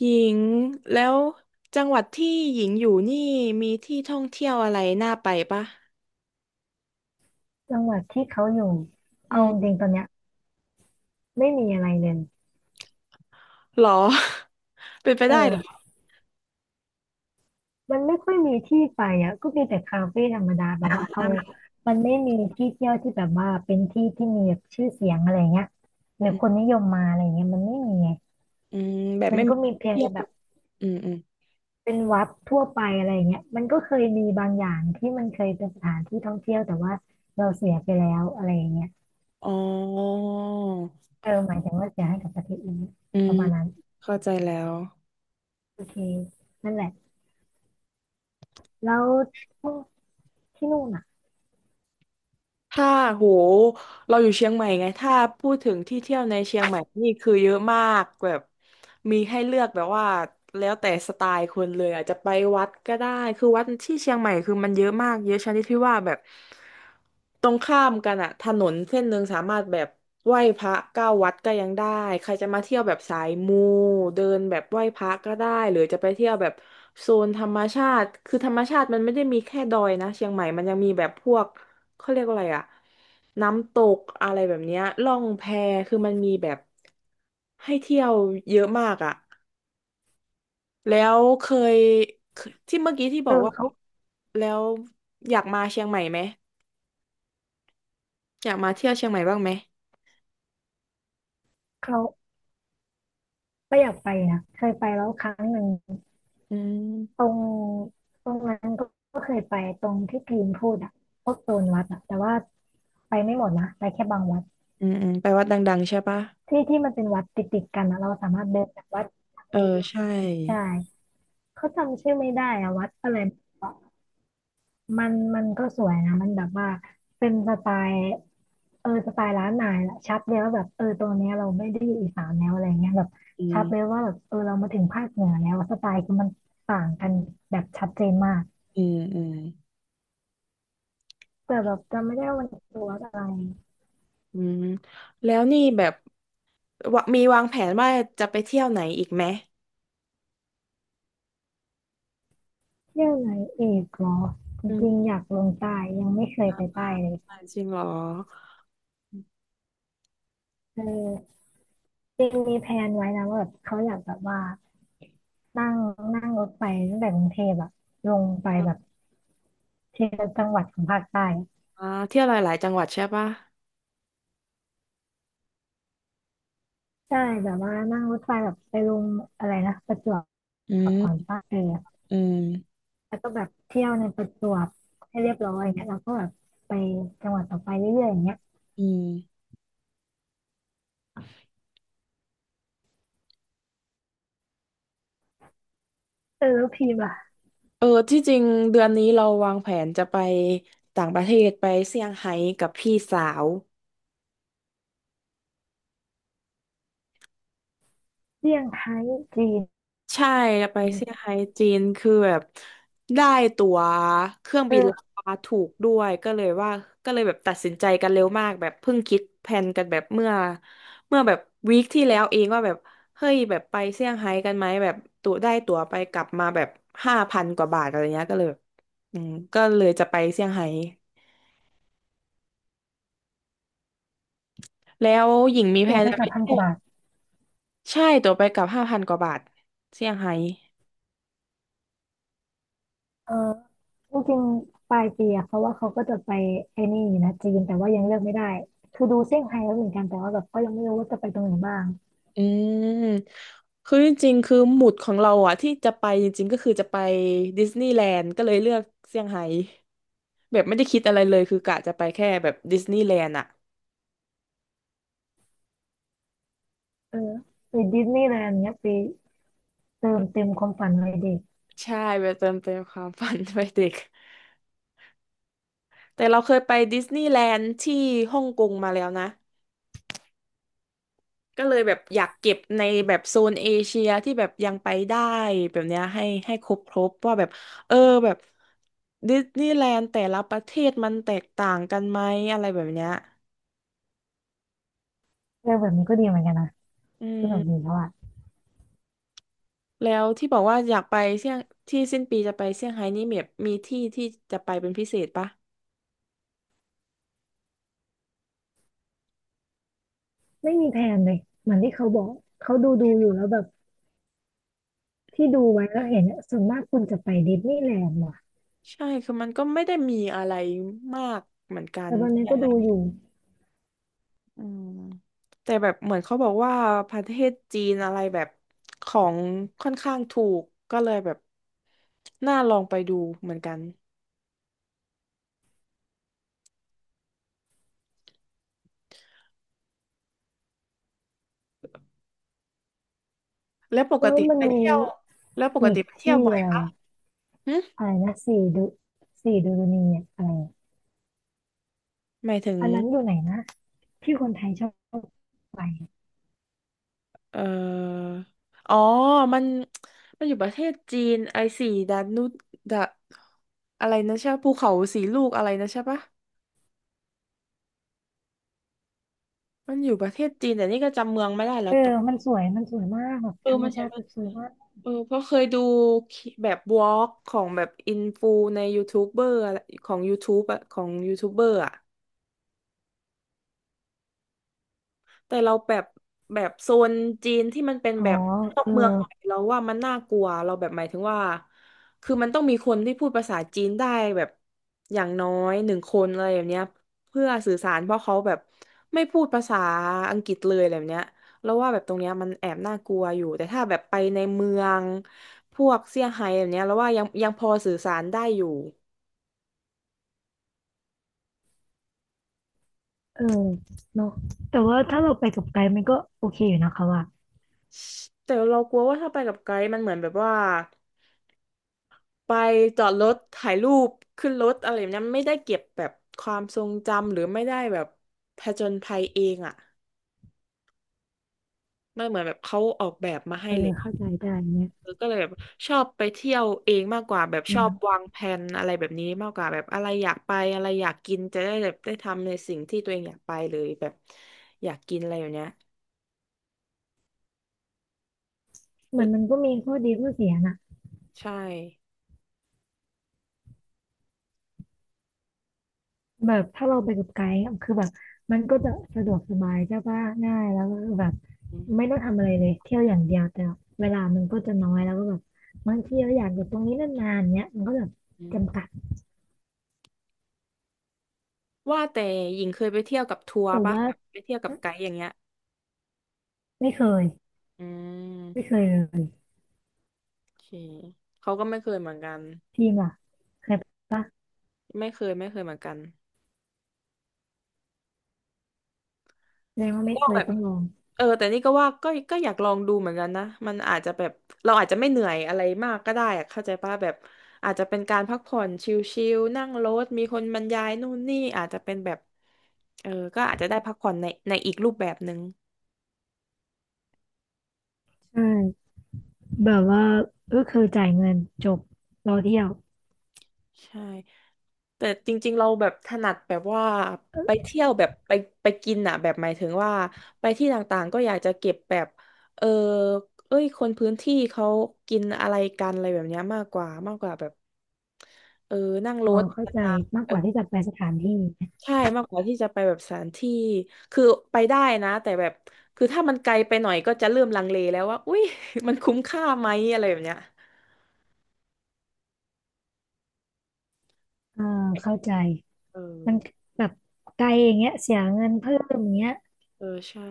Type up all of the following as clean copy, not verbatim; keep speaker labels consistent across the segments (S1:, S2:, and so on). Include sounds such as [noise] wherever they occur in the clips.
S1: หญิงแล้วจังหวัดที่หญิงอยู่นี่มีที่ท่องเที่ยวอะไรน่าไปปะ
S2: จังหวัดที่เขาอยู่
S1: อื
S2: เอา
S1: ม
S2: จริงๆตอนเนี้ยไม่มีอะไรเลย
S1: หรอ [laughs] เป็นไป
S2: เอ
S1: ได้เหรอ
S2: อมันไม่ค่อยมีที่ไปอ่ะก็มีแต่คาเฟ่ธรรมดาแบบว่าเอามันไม่มีที่เที่ยวที่แบบว่าเป็นที่ที่มีแบบชื่อเสียงอะไรเงี้ยหรือ
S1: อื
S2: คน
S1: ม
S2: นิยมมาอะไรเงี้ยมันไม่มีไง
S1: อืมแบบ
S2: มัน
S1: ไม่
S2: ก็
S1: มี
S2: มีเพียง
S1: เที่ย
S2: แต่
S1: ว
S2: แบบ
S1: อืมอืม
S2: เป็นวัดทั่วไปอะไรเงี้ยมันก็เคยมีบางอย่างที่มันเคยเป็นสถานที่ท่องเที่ยวแต่ว่าเราเสียไปแล้วอะไรเงี้ย
S1: อ๋อ
S2: เออหมายถึงว่าเสียให้กับประเทศอื่น
S1: อื
S2: ป
S1: ม
S2: ระมาณนั้น
S1: เข้าใจแล้ว
S2: โอเคนั่นแหละแล้วที่นู่นอ่ะ
S1: ถ้าโหเราอยู่เชียงใหม่ไงถ้าพูดถึงที่เที่ยวในเชียงใหม่นี่คือเยอะมากแบบมีให้เลือกแบบว่าแล้วแต่สไตล์คนเลยอาจจะไปวัดก็ได้คือวัดที่เชียงใหม่คือมันเยอะมากเยอะชนิดที่ว่าแบบตรงข้ามกันอะถนนเส้นหนึ่งสามารถแบบไหว้พระเก้าวัดก็ยังได้ใครจะมาเที่ยวแบบสายมูเดินแบบไหว้พระก็ได้หรือจะไปเที่ยวแบบโซนธรรมชาติคือธรรมชาติมันไม่ได้มีแค่ดอยนะเชียงใหม่มันยังมีแบบพวก เขาเรียกว่าอะไรอะน้ำตกอะไรแบบเนี้ยล่องแพคือมันมีแบบให้เที่ยวเยอะมากอะแล้วยเคยที่เมื่อกี้ที่บ
S2: เอ
S1: อก
S2: อ
S1: ว่า
S2: เขา
S1: แล้วอยากมาเชียงใหม่ไหมอยากมาเที่ยวเชียงใหม่บ้างไหม
S2: เขาก็อยากไปนะเคยไปแล้วครั้งหนึ่ง
S1: อื
S2: ตร
S1: ม
S2: งตรงนั้นก็ก็เคยไปตรงที่พีมพูดอะพวกโซนวัดอะแต่ว่าไปไม่หมดนะไปแค่บางวัด
S1: อืมอืมไปวัดดังๆใช่ปะ
S2: ที่ที่มันเป็นวัดติดกันอะเราสามารถเดินจากวัด
S1: เออใช่
S2: ใช่เขาจำชื่อไม่ได้อะวัดอะไร มันก็สวยนะมันแบบว่าเป็นสไตล์เออสไตล์ร้านนายแหละชัดเลยว่าแบบเออตรงเนี้ยเราไม่ได้อยู่อีสานแล้วอะไรเงี้ยแบบ
S1: อื
S2: ชัดเลย
S1: ม
S2: ว่าแบบเออเรามาถึงภาคเหนือแล้วสไตล์คือมันต่างกันแบบชัดเจนมาก
S1: อืมอืม
S2: แต่แบบจำไม่ได้ว่ามันคือวัดอะไร
S1: อืมแล้วนี่แบบวะมีวางแผนว่าจะไปเที่ยวไหนอีกไหม
S2: เที่ยวไหนอีกเหรอจ
S1: อื
S2: ริง
S1: ม
S2: ๆอยากลงใต้ยังไม่เคยไปใต้เลย
S1: จริงเหรอ
S2: เออจริงมีแพลนไว้นะว่าแบบเขาอยากแบบว่านั่งนั่งรถไปตั้งแต่กรุงเทพอะลงไปแบบทีละจังหวัดของภาคใต้
S1: อ่าเที่ยวหลายๆจังหวัดใช่ปะ
S2: ใช่แบบว่านั่งรถไฟแบบไปลงอะไรนะประจว
S1: อื
S2: บก่อน
S1: ม
S2: ปาเออ
S1: อืม
S2: แล้วก็แบบเที่ยวในประจวบให้เรียบร้อยอย่างเงี้ยเราก็แบบไปจังหวัดต่อไปเรื่อยๆอย่างเงี้ย
S1: อืม
S2: เออแล้วพีมล่ะ
S1: เออที่จริงเดือนนี้เราวางแผนจะไปต่างประเทศไปเซี่ยงไฮ้กับพี่สาว
S2: เซี่ยงไฮ้จีน
S1: ใช่ไปเซี่ยงไฮ้จีนคือแบบได้ตั๋วเครื่องบินรา
S2: เออ
S1: คาถูกด้วยก็เลยว่าก็เลยแบบตัดสินใจกันเร็วมากแบบเพิ่งคิดแผนกันแบบเมื่อแบบวีคที่แล้วเองว่าแบบเฮ้ยแบบไปเซี่ยงไฮ้กันไหมแบบตั๋วได้ตั๋วไปกลับมาแบบห้าพันกว่าบาทอะไรเงี้ยก็เลยแบบอืมก็เลยจะไปเซี่ยงไฮ้ แล้วหญิงมีแผ
S2: ตั๋ว
S1: น
S2: ไป
S1: จะไป
S2: กับพันก
S1: เที่ย
S2: ว่า
S1: ว
S2: บาท
S1: ใช่ตั๋วไปกลับห้าพันกว่าบาทเซี่ยงไฮ้
S2: เออจริงๆปลายปีอะเพราะว่าเขาก็จะไปไอ้นี่อยู่นะจีนแต่ว่ายังเลือกไม่ได้คือดูเซี่ยงไฮ้แล้วเหมือนกันแต่ว่าแบบก็ยังไม่รู้ว่าจะไปตรงไหนบ้าง
S1: อืม คือจริงๆคือหมุดของเราอะที่จะไปจริงๆก็คือจะไปดิสนีย์แลนด์ก็เลยเลือกเซี่ยงไฮ้แบบไม่ได้คิดอะไรเลยคือกะจะไปแค่แบบดิสนีย์แลนด์อะ
S2: เออไปดิสนีย์แลนด์เนี้ยไปเติมเต็มความฝันวัยเด็ก
S1: ใช่ไปเติมเต็มความฝัน [laughs] ไปเด็กแต่เราเคยไปดิสนีย์แลนด์ที่ฮ่องกงมาแล้วนะ ก็เลยแบบอยากเก็บในแบบโซนเอเชียที่แบบยังไปได้แบบเนี้ยให้ครบครบว่าแบบเออแบบดิสนีย์แลนด์แต่ละประเทศมันแตกต่างกันไหมอะไรแบบเนี้ย
S2: เออแบบนี้ก็ดีเหมือนกันนะ
S1: อื
S2: สนุก
S1: ม
S2: ดีเพราะว่า
S1: แล้วที่บอกว่าอยากไปเซี่ยงที่สิ้นปีจะไปเซี่ยงไฮ้นี่แบบมีที่ที่จะไปเป็นพิเศษปะ
S2: ไม่มีแทนเลยเหมือนที่เขาบอก เขาดูอยู่แล้วแบบที่ดูไว้แล้วเห็นอะส่วนมากคนจะไปดิสนีย์แลนด์ว่ะ
S1: ใช่คือมันก็ไม่ได้มีอะไรมากเหมือนกั
S2: แต่
S1: น
S2: วันนี้ก็ดูอยู่
S1: อืมแต่แบบเหมือนเขาบอกว่าประเทศจีนอะไรแบบของค่อนข้างถูกก็เลยแบบน่าลองไปดูเหมือนกันแล้วปก
S2: แล้ว
S1: ติ
S2: มัน
S1: ไปเที่ยวแล้วป
S2: มี
S1: ก
S2: อี
S1: ติ
S2: ก
S1: ไปเที่
S2: ที่
S1: ยวบ่อย
S2: อะไร
S1: ปะ
S2: วะ
S1: หึ
S2: อะไรนะสี่ดูสี่ดูนีเนี่ยอะไรอะ
S1: หมายถึง
S2: อันนั้นอยู่ไหนนะที่คนไทยชอบไป
S1: เอ่ออ๋อมันมันอยู่ประเทศจีนไอสีดานุดาอะไรนะใช่ปะภูเขาสีลูกอะไรนะใช่ปะมันอยู่ประเทศจีนแต่นี่ก็จำเมืองไม่ได้แล้
S2: เอ
S1: ว
S2: อ
S1: กับ
S2: มันสวยมันสวยมากแบบ
S1: เออ
S2: ธรรม
S1: มันใช่
S2: ชาติสวยมาก
S1: เออเพราะเคยดูแบบวอล์กของแบบอินฟูในยูทูบเบอร์อะไรของ YouTube อะของยูทูบเบอร์อะ แต่เราแบบแบบโซนจีนที่มันเป็น
S2: อ๋อ
S1: แบบนอก
S2: เออ
S1: เมืองหน่อยเราว่ามันน่ากลัวเราแบบหมายถึงว่าคือมันต้องมีคนที่พูดภาษาจีนได้แบบอย่างน้อยหนึ่งคนอะไรแบบเนี้ยเพื่อสื่อสารเพราะเขาแบบไม่พูดภาษาอังกฤษเลยอะไรแบบเนี้ยเราวว่าแบบตรงเนี้ยมันแอบน่ากลัวอยู่แต่ถ้าแบบไปในเมืองพวกเซี่ยงไฮ้แบบเนี้ยเราว่ายังพอสื่อสารได้อยู่
S2: เออเนอะแต่ว่าถ้าเราไปกับไกด์มันก็โอเคอยู่นะคะว่า
S1: แต่เรากลัวว่าถ้าไปกับไกด์มันเหมือนแบบว่า ไปจอดรถถ่ายรูปขึ้นรถอะไรแบบนั้นไม่ได้เก็บแบบความทรงจำหรือไม่ได้แบบผจญภัยเองอ่ะมันเหมือนแบบเขาออกแบบมา
S2: เอ
S1: ให้เล
S2: อ
S1: ย
S2: เข้าใจได้เนี่ย
S1: เออก็เลยแบบชอบไปเที่ยวเองมากกว่าแบบ
S2: อื
S1: ชอ
S2: ม
S1: บวางแผนอะไรแบบนี้มากกว่าแบบอะไรอยากไปอะไรอยากกินจะได้แบบได้ทำในสิ่งที่ตัวเองอยากไปเลยแบบอยากกินอะไรอย่างเนี้ย
S2: เห
S1: เอ
S2: มือ
S1: อ
S2: นมันก็มีข้อดีข้อเสียนะ
S1: ใช่
S2: แบบถ้าเราไปกับไกด์อะคือแบบมันก็จะสะดวกสบายใช่ปะง่ายแล้วก็แบบ
S1: อื
S2: ไม่
S1: ม
S2: ต้องทำอะไรเลยเที่ยวอย่างเดียวแต่เวลามันก็จะน้อยแล้วก็แบบบางทีเราอยากอยู่ตรงนี้นานๆเนี้ยมันก็แบบ
S1: อืม
S2: จำกัด
S1: ว่าแต่หญิงเคยไปเที่ยวกับทัวร์
S2: แต่
S1: ปะ
S2: ว่า
S1: แบบไปเที่ยวกับไกด์อย่างเงี้ย
S2: ไม่เคย
S1: อืม
S2: ไม่เคยเลย
S1: โอเคเขาก็ไม่เคยเหมือนกัน
S2: ทีมล่ะเคยปะ
S1: ไม่เคยไม่เคยเหมือนกัน
S2: แสดงว่าไม่
S1: ก็
S2: เค
S1: แบ
S2: ย
S1: บ
S2: ต้องลอง
S1: เออแต่นี่ก็ว่าก็อยากลองดูเหมือนกันนะมันอาจจะแบบเราอาจจะไม่เหนื่อยอะไรมาก ก็ได้อะเข้าใจป่ะแบบอาจจะเป็นการพักผ่อนชิลๆนั่งรถ มีคนบรรยายนู่นนี่อาจจะเป็นแบบอก็อาจจะได้พักผ่อนในอีกรูปแบบหนึ่ง
S2: ใช่แบบว่าก็คือจ่ายเงินจบรอเที่ยว
S1: ใช่ แต่จริงๆเราแบบถนัดแบบว่าไปเที่ยวแบบไปกินอะแบบหมายถึงว่าไปที่ต่างๆก็อยากจะเก็บแบบเออเอ้ยคนพื้นที่เขากินอะไรกันอะไรแบบเนี้ยมากกว่าแบบเออนั่งร
S2: อ๋อ
S1: ถ
S2: เข้าใจมากกว่าที่จะไปสถานที่
S1: ใช่มากกว่าที่จะไปแบบสถานที่คือไปได้นะแต่แบบคือถ้ามันไกลไปหน่อยก็จะเริ่มลังเลแล้วว่าอุ้ย [laughs] มันคุ้มค่าไหมอะไรแบบเนี้ย
S2: อ่าเข้าใจ
S1: เอ
S2: มั
S1: อ
S2: นแบบไกลอย่างเงี้ยเสียเงินเพิ่มอย่างเงี้ย
S1: เออใช่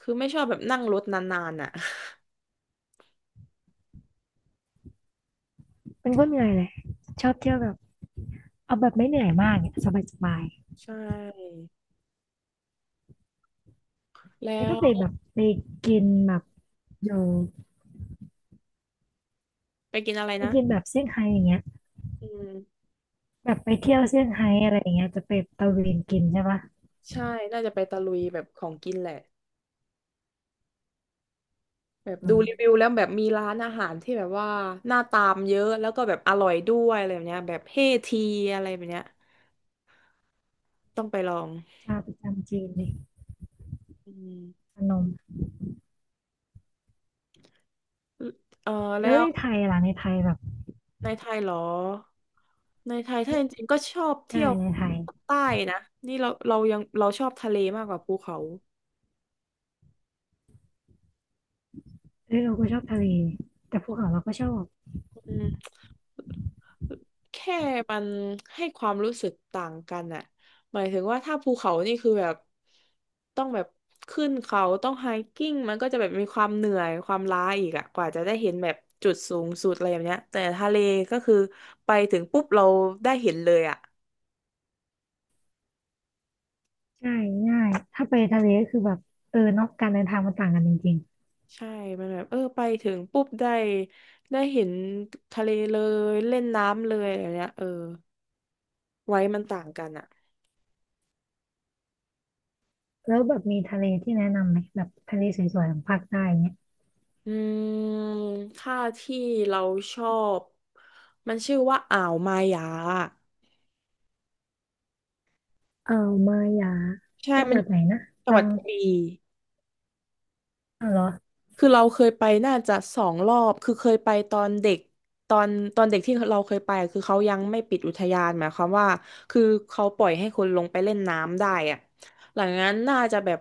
S1: คือไม่ชอบแบบนั่งรถนานๆอ่ะ
S2: เป็นคนเหนื่อยเลยชอบเที่ยวแบบเอาแบบไม่เหนื่อยมากเนี่ยสบายสบาย
S1: [laughs] ใช่แล้
S2: ไม่ต้อง
S1: ว
S2: ไปแบบไปกินแบบอยู่
S1: ไปกินอะไร
S2: ไป
S1: นะ
S2: กินแบบเซี่ยงไฮ้อย่างเงี้ย
S1: อืม
S2: แบบไปเที่ยวเซี่ยงไฮ้อะไรอย่างเงี้ยจะไปตะเวนกินใช่ปะ
S1: ใช่น่าจะไปตะลุยแบบของกินแหละแบบ
S2: อื
S1: ดู
S2: ม
S1: รีวิวแล้วแบบมีร้านอาหารที่แบบว่าน่าตามเยอะแล้วก็แบบอร่อยด้วยอะไรแบบเนี้ยแบบเฮทีอะไรแบบเนี้ยต้องไปลอง
S2: ชาประจำจีนเลย
S1: อืม
S2: ขนม
S1: เออ
S2: แล้ว
S1: แล้ว
S2: ในไทยล่ะในไทยแบบ
S1: ในไทยเหรอในไทยถ้า
S2: เอ๊ะ
S1: จริงๆก็ชอบ
S2: ใช่
S1: เที่ยว
S2: ในไทย
S1: ใต้นะนี่เรายังเราชอบทะเลมากกว่าภูเขา
S2: เอ้ยเราก็ชอบทะเลแต่ภูเขาเราก็ชอบ
S1: อืม แค่มันให้ความรู้สึกต่างกันอะหมายถึงว่าถ้าภูเขานี่คือแบบต้องแบบขึ้นเขาต้องไฮกิ้งมันก็จะแบบมีความเหนื่อยความล้าอีกอะกว่าจะได้เห็นแบบจุดสูงสุดอะไรแบบเนี้ยแต่ทะเลก็คือไปถึงปุ๊บเราได้เห็นเลยอะ
S2: ใช่ง่ายถ้าไปทะเลก็คือแบบเออเนอกการเดินทางมันต่างกันจริง
S1: ใช่มันแบบเออไปถึงปุ๊บได้เห็นทะเลเลยเล่นน้ำเลยอะไรเนี้ยเออไว้มันต่างกันอะ
S2: ๆแล้วแบบมีทะเลที่แนะนำไหมแบบทะเลสวยๆของภาคใต้เนี่ย
S1: อืมค่าที่เราชอบ มันชื่อว่าอ่าวมายา
S2: อ่าวมาหยา
S1: ใช่
S2: จังห
S1: มัน
S2: วัดไหนนะ
S1: จัง
S2: ตั
S1: หวัด
S2: ง
S1: กระบี่
S2: อ้าวเหรอ
S1: คือเราเคยไปน่าจะ2 รอบ คือเคยไปตอนเด็ก ตอนตอนเด็กที่เราเคยไปอะคือเขายังไม่ปิดอุทยานหมายความว่า คือเขาปล่อยให้คนลงไปเล่นน้ำได้อะหลังจากนั้นน่าจะแบบ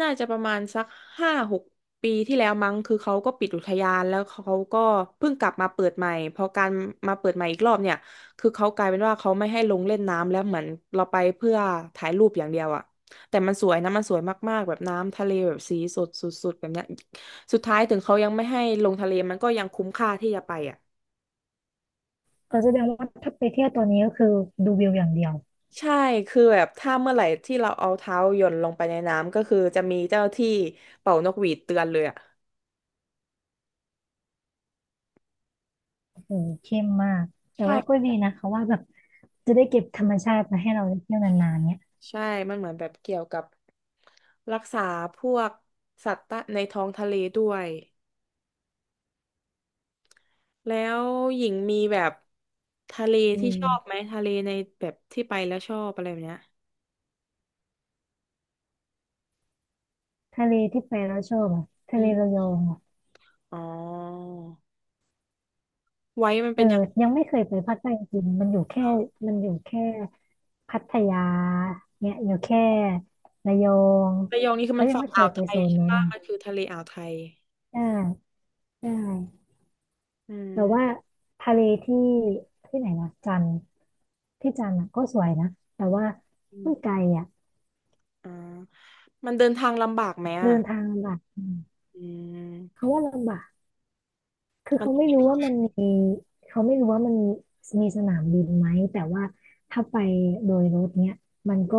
S1: น่าจะประมาณสัก5-6ปีที่แล้วมั้งคือเขาก็ปิดอุทยานแล้วเขาก็เพิ่งกลับมาเปิดใหม่พอการมาเปิดใหม่อีกรอบเนี่ยคือเขากลายเป็นว่าเขาไม่ให้ลงเล่นน้ำแล้วเหมือนเราไปเพื่อถ่ายรูปอย่างเดียวอะ แต่มันสวยนะมันสวยมากๆแบบน้ำทะเลแบบสีสดสุดๆแบบเนี้ยสุดท้ายถึงเขายังไม่ให้ลงทะเลมันก็ยังคุ้มค่าที่จะไปอ่ะ
S2: เออแสดงว่าถ้าไปเที่ยวตอนนี้ก็คือดูวิวอย่างเดียว
S1: ใช่คือแบบถ้าเมื่อไหร่ที่เราเอาเท้าหย่อนลงไปในน้ำก็คือจะมีเจ้าที่เป่านกหวีดเตือนเลยอ่ะ
S2: โอ้เข้มมากแต่ว่าก็
S1: ใช่
S2: ดีนะเขาว่าแบบจะได้เก็บธรรมชาติมาให้เราได้เที่ยวนานๆเนี้ย
S1: ใช่มันเหมือนแบบเกี่ยวกับรักษาพวกสัตว์ตะในท้องทะเลด้วยแล้วหญิงมีแบบทะเล
S2: อื
S1: ที่ชอบไหม
S2: ม
S1: ทะเลในแบบที่ไปแล้วชอบอะไรแบบเนี้ย
S2: ทะเลที่ไปแล้วชอบอ่ะทะ
S1: อื
S2: เลระ
S1: ม
S2: ยองอ่ะ
S1: อ๋อไว้มัน
S2: เอ
S1: เป็
S2: อ
S1: นยัง
S2: ยังไม่เคยไปภาคใต้จริงๆมันอยู่แค่พัทยาเนี่ยอยู่แค่ระยอง
S1: ระยองนี่คือ
S2: เขา
S1: มัน
S2: ยัง
S1: ฝั่ง
S2: ไม่เค
S1: อ่า
S2: ย
S1: ว
S2: ไป
S1: ไท
S2: โซ
S1: ย
S2: น
S1: ใช่
S2: นั้น
S1: ปะมันคือทะเลอ่าวไทย
S2: ได้ได้
S1: อื
S2: แต่ว่า
S1: ม
S2: ทะเลที่ไหนนะจันทร์ ที่จันทร์อะก็สวยนะแต่ว่า
S1: อม
S2: มันไกลอ่ะ
S1: อ่ามันเดินทางลำบากไหม
S2: เดิ
S1: อ่ะ
S2: นทางลำบากอืม
S1: อืม
S2: เขาว่าลำบากคือ
S1: มัน
S2: เขาไม่รู้ว่ามันมีเขาไม่รู้ว่ามันมีสนามบินไหมแต่ว่าถ้าไปโดยรถเนี้ยมันก็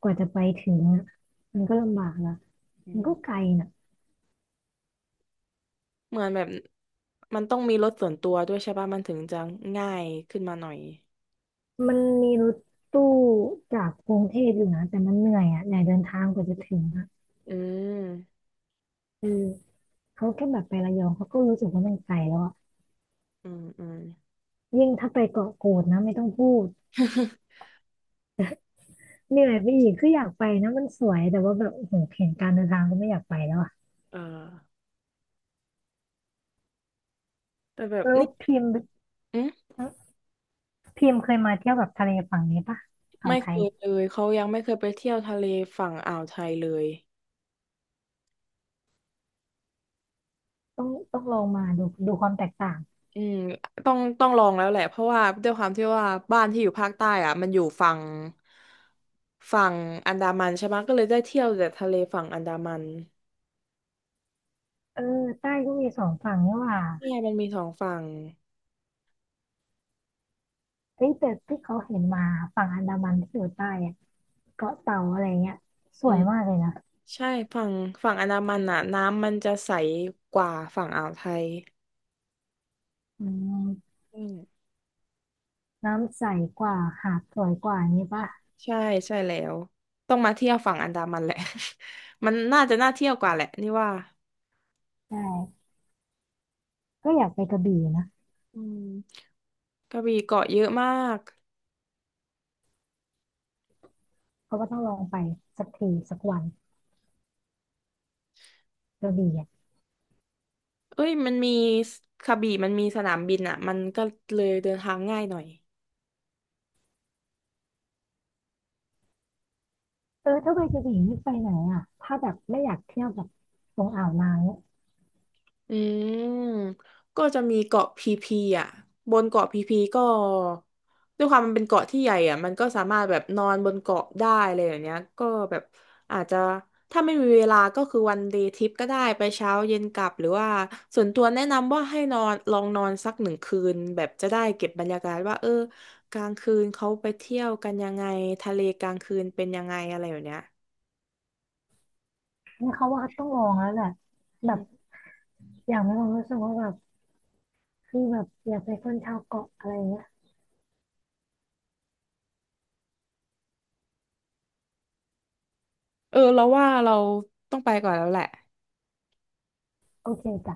S2: กว่าจะไปถึงอะมันก็ลำบากละ
S1: อื
S2: มันก็
S1: ม
S2: ไกลน่ะ
S1: เหมือนแบบมันต้องมีรถส่วนตัวด้วยใช่ปะมันถึงจะง่ายขึ้นมาหน่อย
S2: มันมีรถตู้จากกรุงเทพอยู่นะแต่มันเหนื่อยอ่ะเหนอยเดินทางกว่าจะถึงอ่ะ
S1: อืม
S2: เออเขาแค่แบบไประยองเขาก็รู้สึกว่ามันไกลแล้วอ่ะ
S1: อืม
S2: ยิ่งถ้าไปเกาะกูดนะไม่ต้องพูด
S1: [laughs]
S2: เหนื่อยไปอีกคืออยากไปนะมันสวยแต่ว่าแบบโอ้โหเห็นการเดินทางก็ไม่อยากไปแล้วอะ
S1: เออแต่แบบ
S2: แล้ว
S1: นี่
S2: พิมพ์
S1: อืม
S2: พิมพ์เคยมาเที่ยวแบบทะเลฝั่งนี้ปะอ่าว
S1: ไม่
S2: ไท
S1: เค
S2: ย
S1: ยเลยเขายังไม่เคยไปเที่ยวทะเลฝั่งอ่าวไทยเลย
S2: ต้องลองมาดูดูความแตกต่าง
S1: อืมต้องลองแล้วแหละเพราะว่าด้วยความที่ว่าบ้านที่อยู่ภาคใต้อ่ะมันอยู่ฝั่งฝั่งอันดามันใช่ไหมก็เลยได้เที่ยวแต่ทะเลฝั่งอันดามัน
S2: เออใต้ก็มีสองฝั่งนี่หว่า
S1: เนี่ยมันมี2 ฝั่ง
S2: เฮ้ยแต่ที่เขาเห็นมาฝั่งอันดามันที่อยู่ใต้อะเกาะเต่าอะไรเงี้ยส
S1: อื
S2: วย
S1: ม
S2: มากเลยนะ
S1: ใช่ ฝั่งอันดามันอ่ะน้ำมันจะใสกว่าฝั่งอ่าวไทย
S2: อืม
S1: อืม
S2: น้ำใสกว่าหาดสวยกว่านี้ปะ
S1: ใช่ ใช่แล้วต้องมาเที่ยวฝั่งอันดามันแหละ [laughs] มันน่าจะน่าเที่ยวกว่าแหละนี่ว่า
S2: ใช่ก็อยากไปกระบี่นะ
S1: อืมกระบี่เกาะเยอะมาก
S2: เพราะว่าต้องลองไปสักทีสักวันกระบี่อะ
S1: เอ้ยมันมีกระบี่มันมีสนามบินอ่ะ มันก็เลยเดินทางง่ายหน่อย
S2: เออถ้าไปกระบี่นี่ไปไหนอ่ะถ้าแบบไม่อยากเที่ยวแบบตรงอ่าวนางเนี่ย
S1: อืมก็จะมีเกาะพีพีอ่ะ บนเกาะพีพีก็ด้วยความมันเป็นเกาะที่ใหญ่อ่ะ มันก็สามารถแบบนอนบนเกาะได้อะไรอย่างเนี้ยก็แบบอาจจะถ้าไม่มีเวลาก็คือวันเดย์ทริปก็ได้ไปเช้าเย็นกลับหรือว่าส่วนตัวแนะนำว่าให้นอนลองนอนสัก1 คืนแบบจะได้เก็บบรรยากาศว่าเออกลางคืนเขาไปเที่ยวกันยังไงทะเลกลางคืนเป็นยังไงอะไรอย่างเนี้ย
S2: เนี่ยเขาว่าต้องลองแล้วแหละแบบอย่างไม่ลองรู้สึกว่าแบบคือแบบอยากไปคนชาวเกาะอะไรเงี้ย
S1: เออเราว่าเราต้องไปก่อนแล้วแหละ
S2: โอเคจ้ะ